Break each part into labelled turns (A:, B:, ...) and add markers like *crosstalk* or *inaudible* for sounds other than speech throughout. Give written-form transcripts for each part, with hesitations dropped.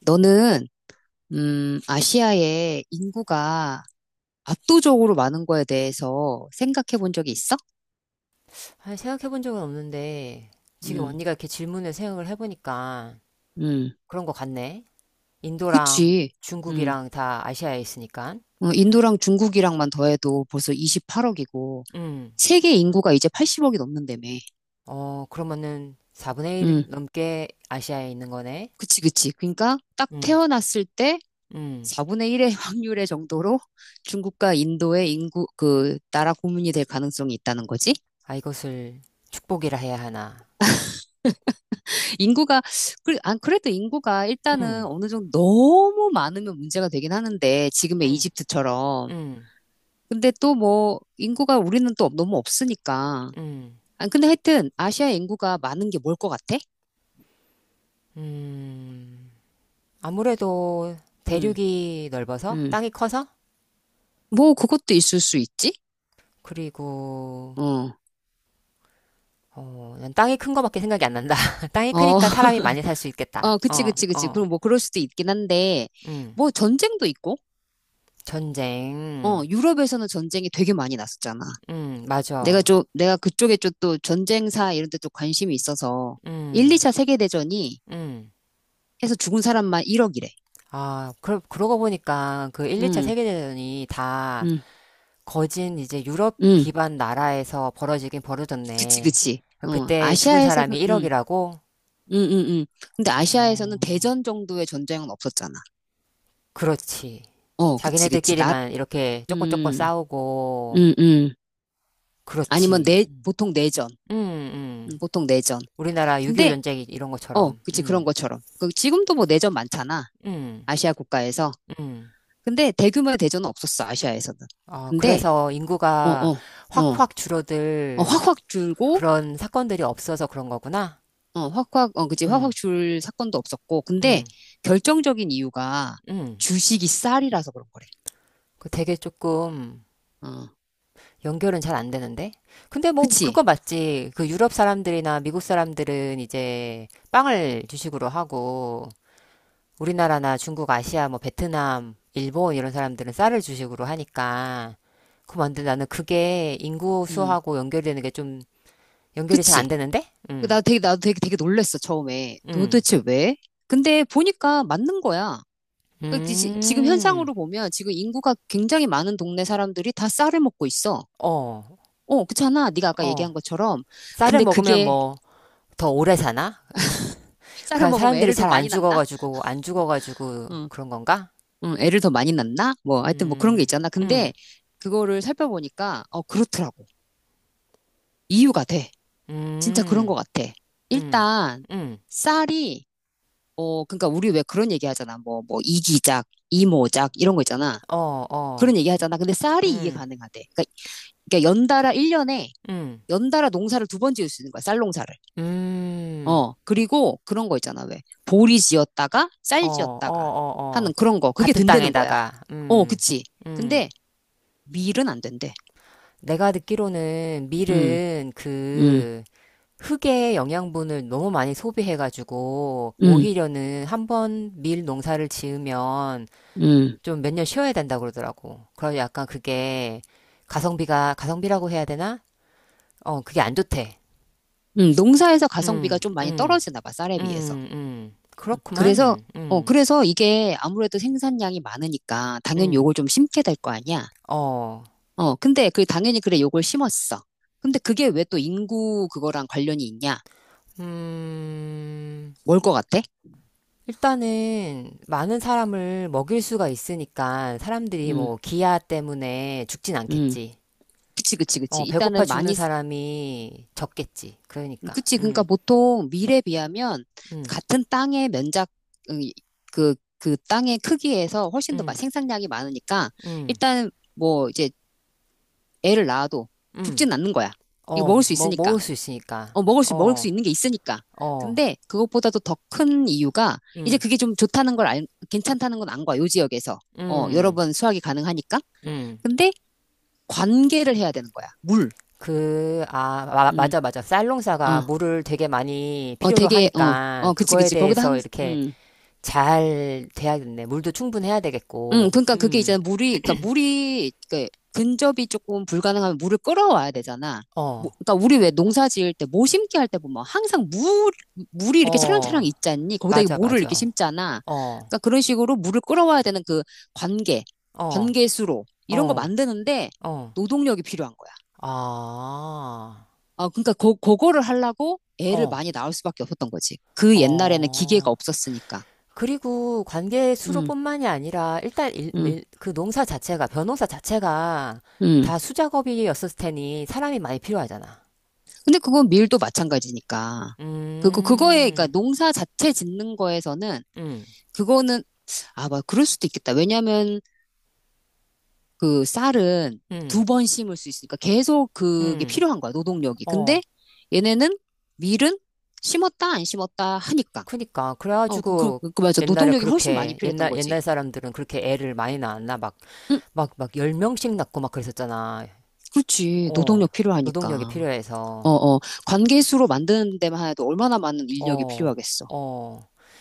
A: 너는, 아시아의 인구가 압도적으로 많은 거에 대해서 생각해 본 적이 있어?
B: 아니, 생각해 본 적은 없는데, 지금
A: 음,
B: 언니가 이렇게 질문을 생각을 해보니까
A: 음.
B: 그런 것 같네. 인도랑
A: 그치. 음,
B: 중국이랑 다 아시아에 있으니까.
A: 인도랑 중국이랑만 더해도 벌써 28억이고,
B: 음,
A: 세계 인구가 이제 80억이 넘는다며.
B: 어, 그러면은 4분의 1
A: 음.
B: 넘게 아시아에 있는 거네.
A: 그치, 그치. 그러니까 딱
B: 음,
A: 태어났을 때
B: 음.
A: 4분의 1의 *laughs* 확률의 정도로 중국과 인도의 인구, 나라 고민이 될 가능성이 있다는 거지?
B: 아, 이것을 축복이라 해야 하나.
A: 인구가, 그래도 인구가
B: 음,
A: 일단은 어느 정도 너무 많으면 문제가 되긴 하는데, 지금의
B: 음,
A: 이집트처럼.
B: 음,
A: 근데 또 뭐, 인구가 우리는 또 너무 없으니까.
B: 음,
A: 아, 근데 하여튼, 아시아 인구가 많은 게 뭘 것 같아?
B: 음. 아무래도
A: 음,
B: 대륙이 넓어서,
A: 음.
B: 땅이 커서,
A: 뭐, 그것도 있을 수 있지?
B: 그리고
A: 어,
B: 어, 난 땅이 큰 거밖에 생각이 안 난다. *laughs* 땅이
A: 어.
B: 크니까
A: *laughs*
B: 사람이 많이 살 수 있겠다.
A: 어, 그치,
B: 어,
A: 그치, 그치.
B: 어,
A: 그럼 뭐, 그럴 수도 있긴 한데,
B: 음.
A: 뭐, 전쟁도 있고,
B: 전쟁.
A: 유럽에서는 전쟁이 되게 많이 났었잖아.
B: 맞아.
A: 내가 그쪽에 좀 또 전쟁사 이런 데 또 관심이 있어서, 1,
B: 음,
A: 2차 세계대전이
B: 음.
A: 해서 죽은 사람만 1억이래.
B: 아, 그러고 보니까 그 1, 2차
A: 응,
B: 세계대전이 다
A: 응,
B: 거진 이제 유럽
A: 응.
B: 기반 나라에서 벌어지긴
A: 그치,
B: 벌어졌네.
A: 그치. 어,
B: 그때 죽은
A: 아시아에서는,
B: 사람이
A: 응,
B: 1억이라고?
A: 응, 응, 응. 근데 아시아에서는
B: 어,
A: 대전 정도의 전쟁은 없었잖아.
B: 그렇지.
A: 어, 그치, 그치.
B: 자기네들끼리만 이렇게 조금 조금
A: 음,
B: 싸우고,
A: 음, 음. 아니면
B: 그렇지.
A: 보통 내전.
B: 음.
A: 보통 내전.
B: 우리나라 6.25
A: 근데,
B: 전쟁 이런 것처럼.
A: 그치, 그런 것처럼. 지금도 뭐 내전 많잖아.
B: 음,
A: 아시아 국가에서.
B: 음.
A: 근데 대규모의 대전은 없었어, 아시아에서는.
B: 어,
A: 근데,
B: 그래서
A: 어,
B: 인구가
A: 어, 어,
B: 확확
A: 어,
B: 줄어들
A: 확확 줄고,
B: 그런 사건들이 없어서 그런 거구나.
A: 그지. 확확
B: 음,
A: 줄 사건도 없었고. 근데
B: 음,
A: 결정적인 이유가
B: 음.
A: 주식이 쌀이라서 그런 거래.
B: 그 되게 조금
A: 어,
B: 연결은 잘 안 되는데. 근데 뭐 그거
A: 그치.
B: 맞지. 그 유럽 사람들이나 미국 사람들은 이제 빵을 주식으로 하고 우리나라나 중국, 아시아, 뭐 베트남, 일본 이런 사람들은 쌀을 주식으로 하니까 그럼 안 돼. 나는 그게 인구
A: 음,
B: 수하고 연결되는 게 좀 연결이 잘 안
A: 그치.
B: 되는데?
A: 나도 되게, 되게 놀랬어, 처음에.
B: 음,
A: 도대체 왜? 근데 보니까 맞는 거야. 지금
B: 음,
A: 현상으로 보면 지금 인구가 굉장히 많은 동네 사람들이 다 쌀을 먹고 있어.
B: 어,
A: 어, 그렇잖아. 네가 아까
B: 어.
A: 얘기한 것처럼.
B: 쌀을
A: 근데
B: 먹으면
A: 그게
B: 뭐 더 오래 사나?
A: 쌀을
B: 그냥
A: 먹으면
B: 사람들이
A: 애를 더
B: 잘 안
A: 많이 낳나?
B: 죽어가지고 안 죽어가지고
A: 어,
B: 그런 건가?
A: 응, 애를 더 많이 낳나? 뭐, 하여튼 뭐 그런 게
B: 음,
A: 있잖아.
B: 음,
A: 근데 그거를 살펴보니까, 그렇더라고. 이유가 돼. 진짜 그런
B: 음,
A: 것 같아.
B: 음,
A: 일단,
B: 음,
A: 쌀이, 그러니까 우리 왜 그런 얘기 하잖아. 뭐, 이기작, 이모작, 이런 거 있잖아.
B: 어, 어,
A: 그런 얘기 하잖아. 근데 쌀이 이게
B: 음,
A: 가능하대. 그러니까
B: 음,
A: 연달아 농사를 두 번 지을 수 있는 거야. 쌀 농사를.
B: 음.
A: 어, 그리고 그런 거 있잖아. 왜? 보리 지었다가,
B: 어,
A: 쌀
B: 어,
A: 지었다가
B: 어, 어.
A: 하는 그런 거. 그게
B: 같은
A: 된다는 거야.
B: 땅에다가,
A: 어, 그치.
B: 음.
A: 근데 밀은 안 된대.
B: 내가 듣기로는
A: 음,
B: 밀은
A: 음,
B: 그 흙의 영양분을 너무 많이 소비해가지고,
A: 음,
B: 오히려는 한번 밀 농사를 지으면
A: 음,
B: 좀 몇 년 쉬어야 된다 그러더라고. 그래서 약간 그게 가성비가, 가성비라고 해야 되나? 어, 그게 안 좋대.
A: 농사에서 가성비가
B: 음,
A: 좀 많이
B: 음,
A: 떨어지나 봐, 쌀에 비해서. 그래서,
B: 그렇구만.
A: 그래서 이게 아무래도 생산량이 많으니까 당연히
B: 음.
A: 요걸 좀 심게 될 거 아니야.
B: 어,
A: 근데 당연히 그래, 요걸 심었어. 근데 그게 왜 또 인구 그거랑 관련이 있냐?
B: 음.
A: 뭘 것 같아?
B: 일단은 많은 사람을 먹일 수가 있으니까 사람들이
A: 음,
B: 뭐 기아 때문에 죽진
A: 음.
B: 않겠지.
A: 그치, 그치, 그치.
B: 어, 배고파
A: 일단은
B: 죽는
A: 많이,
B: 사람이 적겠지. 그러니까.
A: 그치. 그러니까 보통 밀에 비하면
B: 음,
A: 같은 땅의 면적, 음, 그 땅의 크기에서 훨씬 더
B: 음,
A: 생산량이 많으니까
B: 음,
A: 일단 뭐 이제 애를 낳아도 죽지
B: 음.
A: 는 않는 거야. 이거
B: 어,
A: 먹을 수 있으니까.
B: 먹을 수 있으니까.
A: 먹을 수
B: 어,
A: 있는 게 있으니까.
B: 어,
A: 근데 그것보다도 더 큰 이유가 이제
B: 음,
A: 그게 좀 좋다는 걸 괜찮다는 건 안 거야. 요 지역에서. 여러
B: 음,
A: 번 수확이 가능하니까.
B: 음.
A: 근데 관계를 해야 되는 거야. 물.
B: 그, 아,
A: 음,
B: 맞아, 맞아. 쌀농사가
A: 어,
B: 물을 되게 많이 필요로 하니까
A: 그치,
B: 그거에
A: 그치. 거기다
B: 대해서
A: 항상,
B: 이렇게 잘 돼야겠네. 물도 충분해야 되겠고.
A: 그러니까 그게 이제
B: 음.
A: 물이, 근접이 조금 불가능하면 물을 끌어와야 되잖아. 뭐,
B: 어,
A: 그러니까 우리 왜 농사 지을 때, 모 심기 할 때 보면 항상 물이 이렇게
B: 어,
A: 차량차량 있잖니? 거기다 이
B: 맞아,
A: 모를 이렇게
B: 맞아.
A: 심잖아.
B: 어,
A: 그러니까 그런 식으로 물을 끌어와야 되는 그 관계,
B: 어,
A: 관계수로, 이런 거
B: 어,
A: 만드는데
B: 어,
A: 노동력이 필요한 거야.
B: 아,
A: 아, 그러니까 그거를 하려고 애를
B: 어,
A: 많이 낳을 수밖에 없었던 거지. 그 옛날에는 기계가
B: 어.
A: 없었으니까.
B: 그리고 관계
A: 음,
B: 수로뿐만이 아니라 일단
A: 음,
B: 그 농사 자체가, 변호사 자체가
A: 음.
B: 다 수작업이었을 테니 사람이 많이 필요하잖아.
A: 근데 그건 밀도 마찬가지니까. 그러니까
B: 음,
A: 농사 자체 짓는 거에서는,
B: 음,
A: 그거는, 막, 그럴 수도 있겠다. 왜냐면, 그 쌀은
B: 음,
A: 두 번 심을 수 있으니까 계속 그게
B: 음,
A: 필요한 거야, 노동력이.
B: 어.
A: 근데 얘네는 밀은 심었다, 안 심었다 하니까.
B: 그니까.
A: 어,
B: 그래가지고
A: 맞아. 노동력이 훨씬 많이 필요했던 거지.
B: 옛날 사람들은 그렇게 애를 많이 낳았나? 막
A: 응,
B: 막, 막 10명씩 낳고 막 그랬었잖아.
A: 그렇지.
B: 어,
A: 노동력 필요하니까.
B: 노동력이
A: 어,
B: 필요해서.
A: 어. 관계수로 만드는 데만 해도 얼마나 많은 인력이
B: 어,
A: 필요하겠어.
B: 어.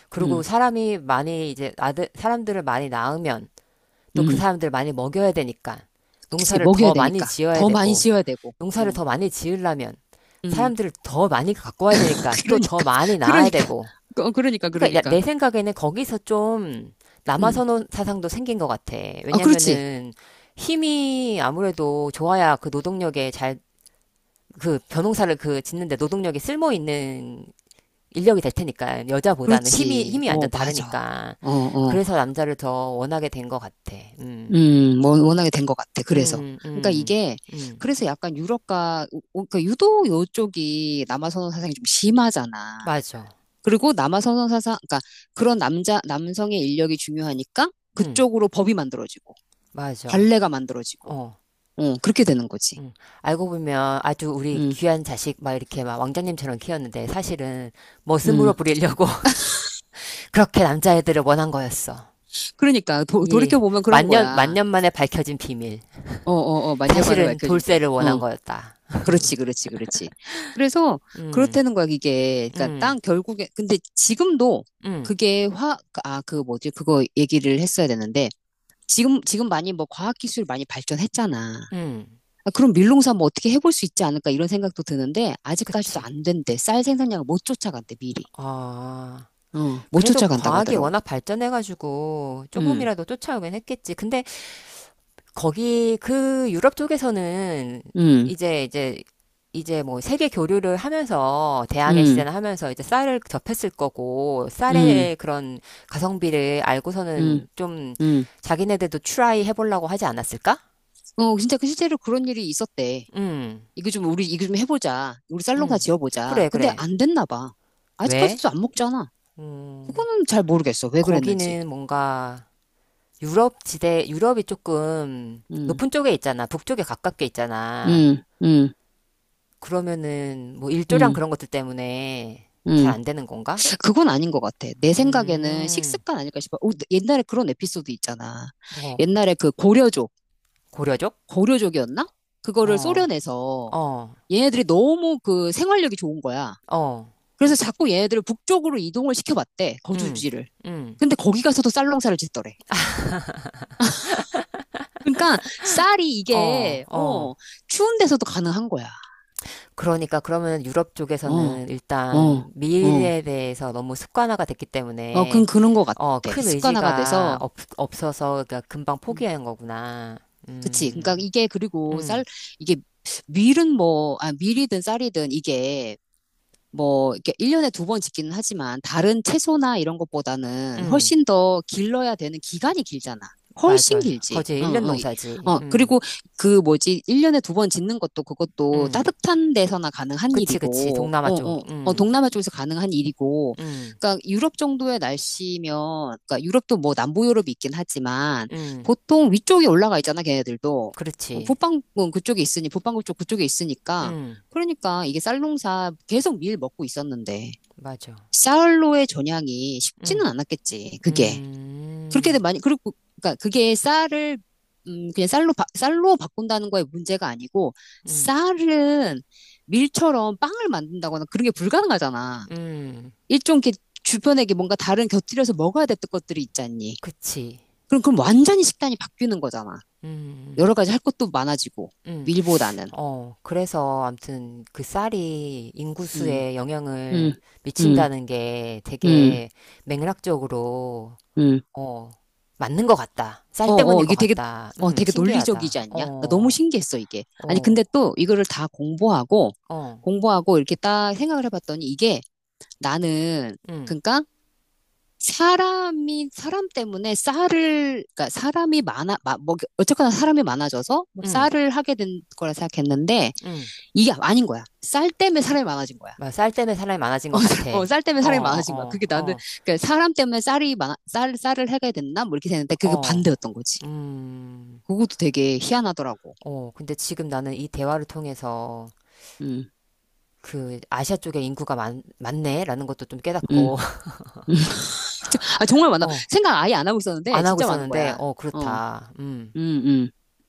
B: 그리고
A: 응,
B: 사람이 많이 이제 아들, 사람들을 많이 낳으면 또 그
A: 응.
B: 사람들을 많이 먹여야 되니까
A: 그치,
B: 농사를
A: 먹여야
B: 더 많이
A: 되니까.
B: 지어야
A: 더 많이
B: 되고
A: 씌워야 되고.
B: 농사를
A: 응.
B: 더 많이 지으려면
A: 응.
B: 사람들을 더 많이 갖고 와야
A: *laughs*
B: 되니까 또 더
A: 그러니까,
B: 많이 낳아야
A: 그러니까,
B: 되고.
A: 어, 그러니까,
B: 그러니까
A: 그러니까.
B: 내 생각에는 거기서 좀
A: 응.
B: 남아선호 사상도 생긴 것 같아.
A: 아, 그렇지.
B: 왜냐면은 힘이 아무래도 좋아야 그 노동력에 잘 그 변호사를 그 짓는데 노동력이 쓸모 있는 인력이 될 테니까 여자보다는 힘이
A: 그렇지.
B: 힘이
A: 어,
B: 완전
A: 맞아.
B: 다르니까
A: 어, 어.
B: 그래서 남자를 더 원하게 된 것 같아.
A: 뭐, 워낙에 된 것 같아. 그래서.
B: 음,
A: 그러니까
B: 음,
A: 이게,
B: 음,
A: 그래서 약간 그러니까 유독 요쪽이 남아선호 사상이 좀 심하잖아.
B: 맞아.
A: 그리고 남아선호 사상, 그러니까 그런 남성의 인력이 중요하니까
B: 음,
A: 그쪽으로 법이 만들어지고,
B: 맞아.
A: 관례가 만들어지고,
B: 어.
A: 그렇게 되는 거지.
B: 음. 알고 보면 아주 우리
A: 음,
B: 귀한 자식 막 이렇게 막 왕자님처럼 키웠는데 사실은 머슴으로
A: 음.
B: 부리려고 *laughs* 그렇게 남자애들을 원한 거였어.
A: 그러니까
B: 이
A: 돌이켜보면 그런
B: 만년
A: 거야.
B: 만년 만에 밝혀진 비밀.
A: 어, 어, 어, 만년 만에
B: 사실은
A: 밝혀진 비밀.
B: 돌쇠를 원한
A: 어,
B: 거였다.
A: 그렇지, 그렇지, 그렇지. 그래서
B: 음,
A: 그렇다는 거야, 이게. 그러니까
B: 음.
A: 땅 결국에 근데 지금도
B: 응,
A: 그게 그 뭐지? 그거 얘기를 했어야 되는데 지금 많이 뭐 과학 기술 많이 발전했잖아.
B: 응,
A: 아, 그럼 밀농사 뭐 어떻게 해볼 수 있지 않을까 이런 생각도 드는데 아직까지도
B: 그치.
A: 안 된대. 쌀 생산량을 못 쫓아간대 미리.
B: 아,
A: 못
B: 그래도
A: 쫓아간다고
B: 과학이
A: 하더라고.
B: 워낙 발전해가지고
A: 음,
B: 조금이라도 쫓아오긴 했겠지. 근데 거기 그 유럽 쪽에서는
A: 음,
B: 이제 이제 이제 뭐 세계 교류를 하면서 대항해
A: 음,
B: 시대나 하면서 이제 쌀을 접했을 거고
A: 음,
B: 쌀의 그런 가성비를
A: 음,
B: 알고서는 좀
A: 음.
B: 자기네들도 트라이 해보려고 하지 않았을까?
A: 진짜 실제로 그런 일이 있었대.
B: 응,
A: 이거 좀 해보자. 우리 살롱 다
B: 응,
A: 지어보자.
B: 그래,
A: 근데
B: 그래.
A: 안 됐나 봐.
B: 왜?
A: 아직까지도 안 먹잖아.
B: 음,
A: 그거는 잘 모르겠어. 왜 그랬는지.
B: 거기는 뭔가 유럽이 조금
A: 음,
B: 높은 쪽에 있잖아. 북쪽에 가깝게 있잖아.
A: 음, 음,
B: 그러면은 뭐 일조량
A: 음,
B: 그런 것들 때문에 잘
A: 음.
B: 안 되는 건가?
A: 그건 아닌 것 같아. 내 생각에는
B: 음,
A: 식습관 아닐까 싶어. 옛날에 그런 에피소드 있잖아.
B: 뭐,
A: 옛날에 그
B: 고려족?
A: 고려족이었나? 그거를
B: 어,
A: 소련에서
B: 어,
A: 얘네들이 너무 생활력이 좋은 거야.
B: 어,
A: 그래서 자꾸 얘네들을 북쪽으로 이동을 시켜봤대.
B: 음,
A: 거주지를.
B: 음,
A: 근데 거기 가서도 쌀농사를 짓더래. 그러니까 쌀이
B: 어,
A: 이게
B: 어.
A: 추운 데서도 가능한 거야.
B: 그러니까 그러면 유럽
A: 어,
B: 쪽에서는
A: 어,
B: 일단
A: 어,
B: 미일에 대해서 너무 습관화가 됐기
A: 어,
B: 때문에
A: 그런 것 같아.
B: 어, 큰
A: 습관화가
B: 의지가
A: 돼서,
B: 없어서 그러니까 금방
A: 음,
B: 포기하는 거구나.
A: 그치. 그러니까
B: 음,
A: 이게 그리고 쌀
B: 음,
A: 이게 밀은 뭐, 밀이든 쌀이든 이게 뭐, 이렇게 1년에 두 번 짓기는 하지만 다른 채소나 이런 것보다는
B: 음.
A: 훨씬 더 길러야 되는 기간이 길잖아. 훨씬
B: 맞아요.
A: 길지.
B: 거제
A: 응,
B: 일
A: 응.
B: 년
A: 어, 어,
B: 농사지.
A: 어, 그리고 그 뭐지, 1년에 두 번 짓는 것도 그것도
B: 음.
A: 따뜻한 데서나 가능한
B: 그치, 그치.
A: 일이고,
B: 동남아 쪽.
A: 동남아 쪽에서 가능한 일이고,
B: 음,
A: 그러니까 유럽 정도의 날씨면, 그러니까 유럽도 뭐 남부 유럽이 있긴 하지만,
B: 음.
A: 보통 위쪽에 올라가 있잖아, 걔네들도.
B: 그렇지.
A: 북방구 쪽 그쪽에 있으니까,
B: 음,
A: 그러니까 이게 쌀농사 계속 밀 먹고 있었는데
B: 맞아.
A: 쌀로의 전향이 쉽지는
B: 음,
A: 않았겠지. 그게 그렇게
B: 음,
A: 많이 그리고 그러니까 그게 쌀을 그냥 쌀로 바꾼다는 거에 문제가 아니고
B: 음,
A: 쌀은 밀처럼 빵을 만든다거나 그런 게 불가능하잖아.
B: 음.
A: 일종 이렇게 주변에 이게 뭔가 다른 곁들여서 먹어야 했던 것들이 있잖니.
B: 그치.
A: 그럼 완전히 식단이 바뀌는 거잖아.
B: 음,
A: 여러 가지 할 것도 많아지고
B: 음.
A: 밀보다는.
B: 어, 그래서 암튼 그 쌀이
A: 음,
B: 인구수에
A: 음,
B: 영향을
A: 음,
B: 미친다는 게
A: 음,
B: 되게 맥락적으로,
A: 음.
B: 어, 맞는 것 같다. 쌀
A: 어, 어,
B: 때문인 것
A: 이게
B: 같다.
A: 되게 논리적이지
B: 신기하다.
A: 않냐? 나 너무
B: 어,
A: 신기했어, 이게. 아니,
B: 어,
A: 근데 또 이거를 다 공부하고,
B: 어.
A: 공부하고 이렇게 딱 생각을 해봤더니 이게 나는,
B: 응,
A: 그러니까 사람 때문에 쌀을, 그러니까 사람이 많아, 마, 뭐, 어쨌거나 사람이 많아져서 뭐
B: 응,
A: 쌀을 하게 된 거라 생각했는데
B: 응.
A: 이게 아닌 거야. 쌀 때문에 사람이 많아진 거야.
B: 막 쌀 때문에 사람이 많아진 것 같아.
A: 어, 쌀 때문에
B: 어,
A: 사람이 많아진 거야.
B: 어,
A: 그게 나는,
B: 어,
A: 그러니까 사람 때문에 쌀을 해게 됐나? 뭐 이렇게 됐는데
B: 어,
A: 그게
B: 어,
A: 반대였던 거지.
B: 음,
A: 그것도 되게 희한하더라고.
B: 어. 근데 지금 나는 이 대화를 통해서
A: 음.
B: 그 아시아 쪽에 인구가 많네? 라는 것도 좀
A: 음.
B: 깨닫고, *laughs*
A: 음. *laughs* 아, 정말 많아.
B: 어,
A: 생각 아예 안 하고 있었는데,
B: 안 하고
A: 진짜 많은
B: 있었는데,
A: 거야.
B: 어,
A: 어,
B: 그렇다. 음.
A: 음.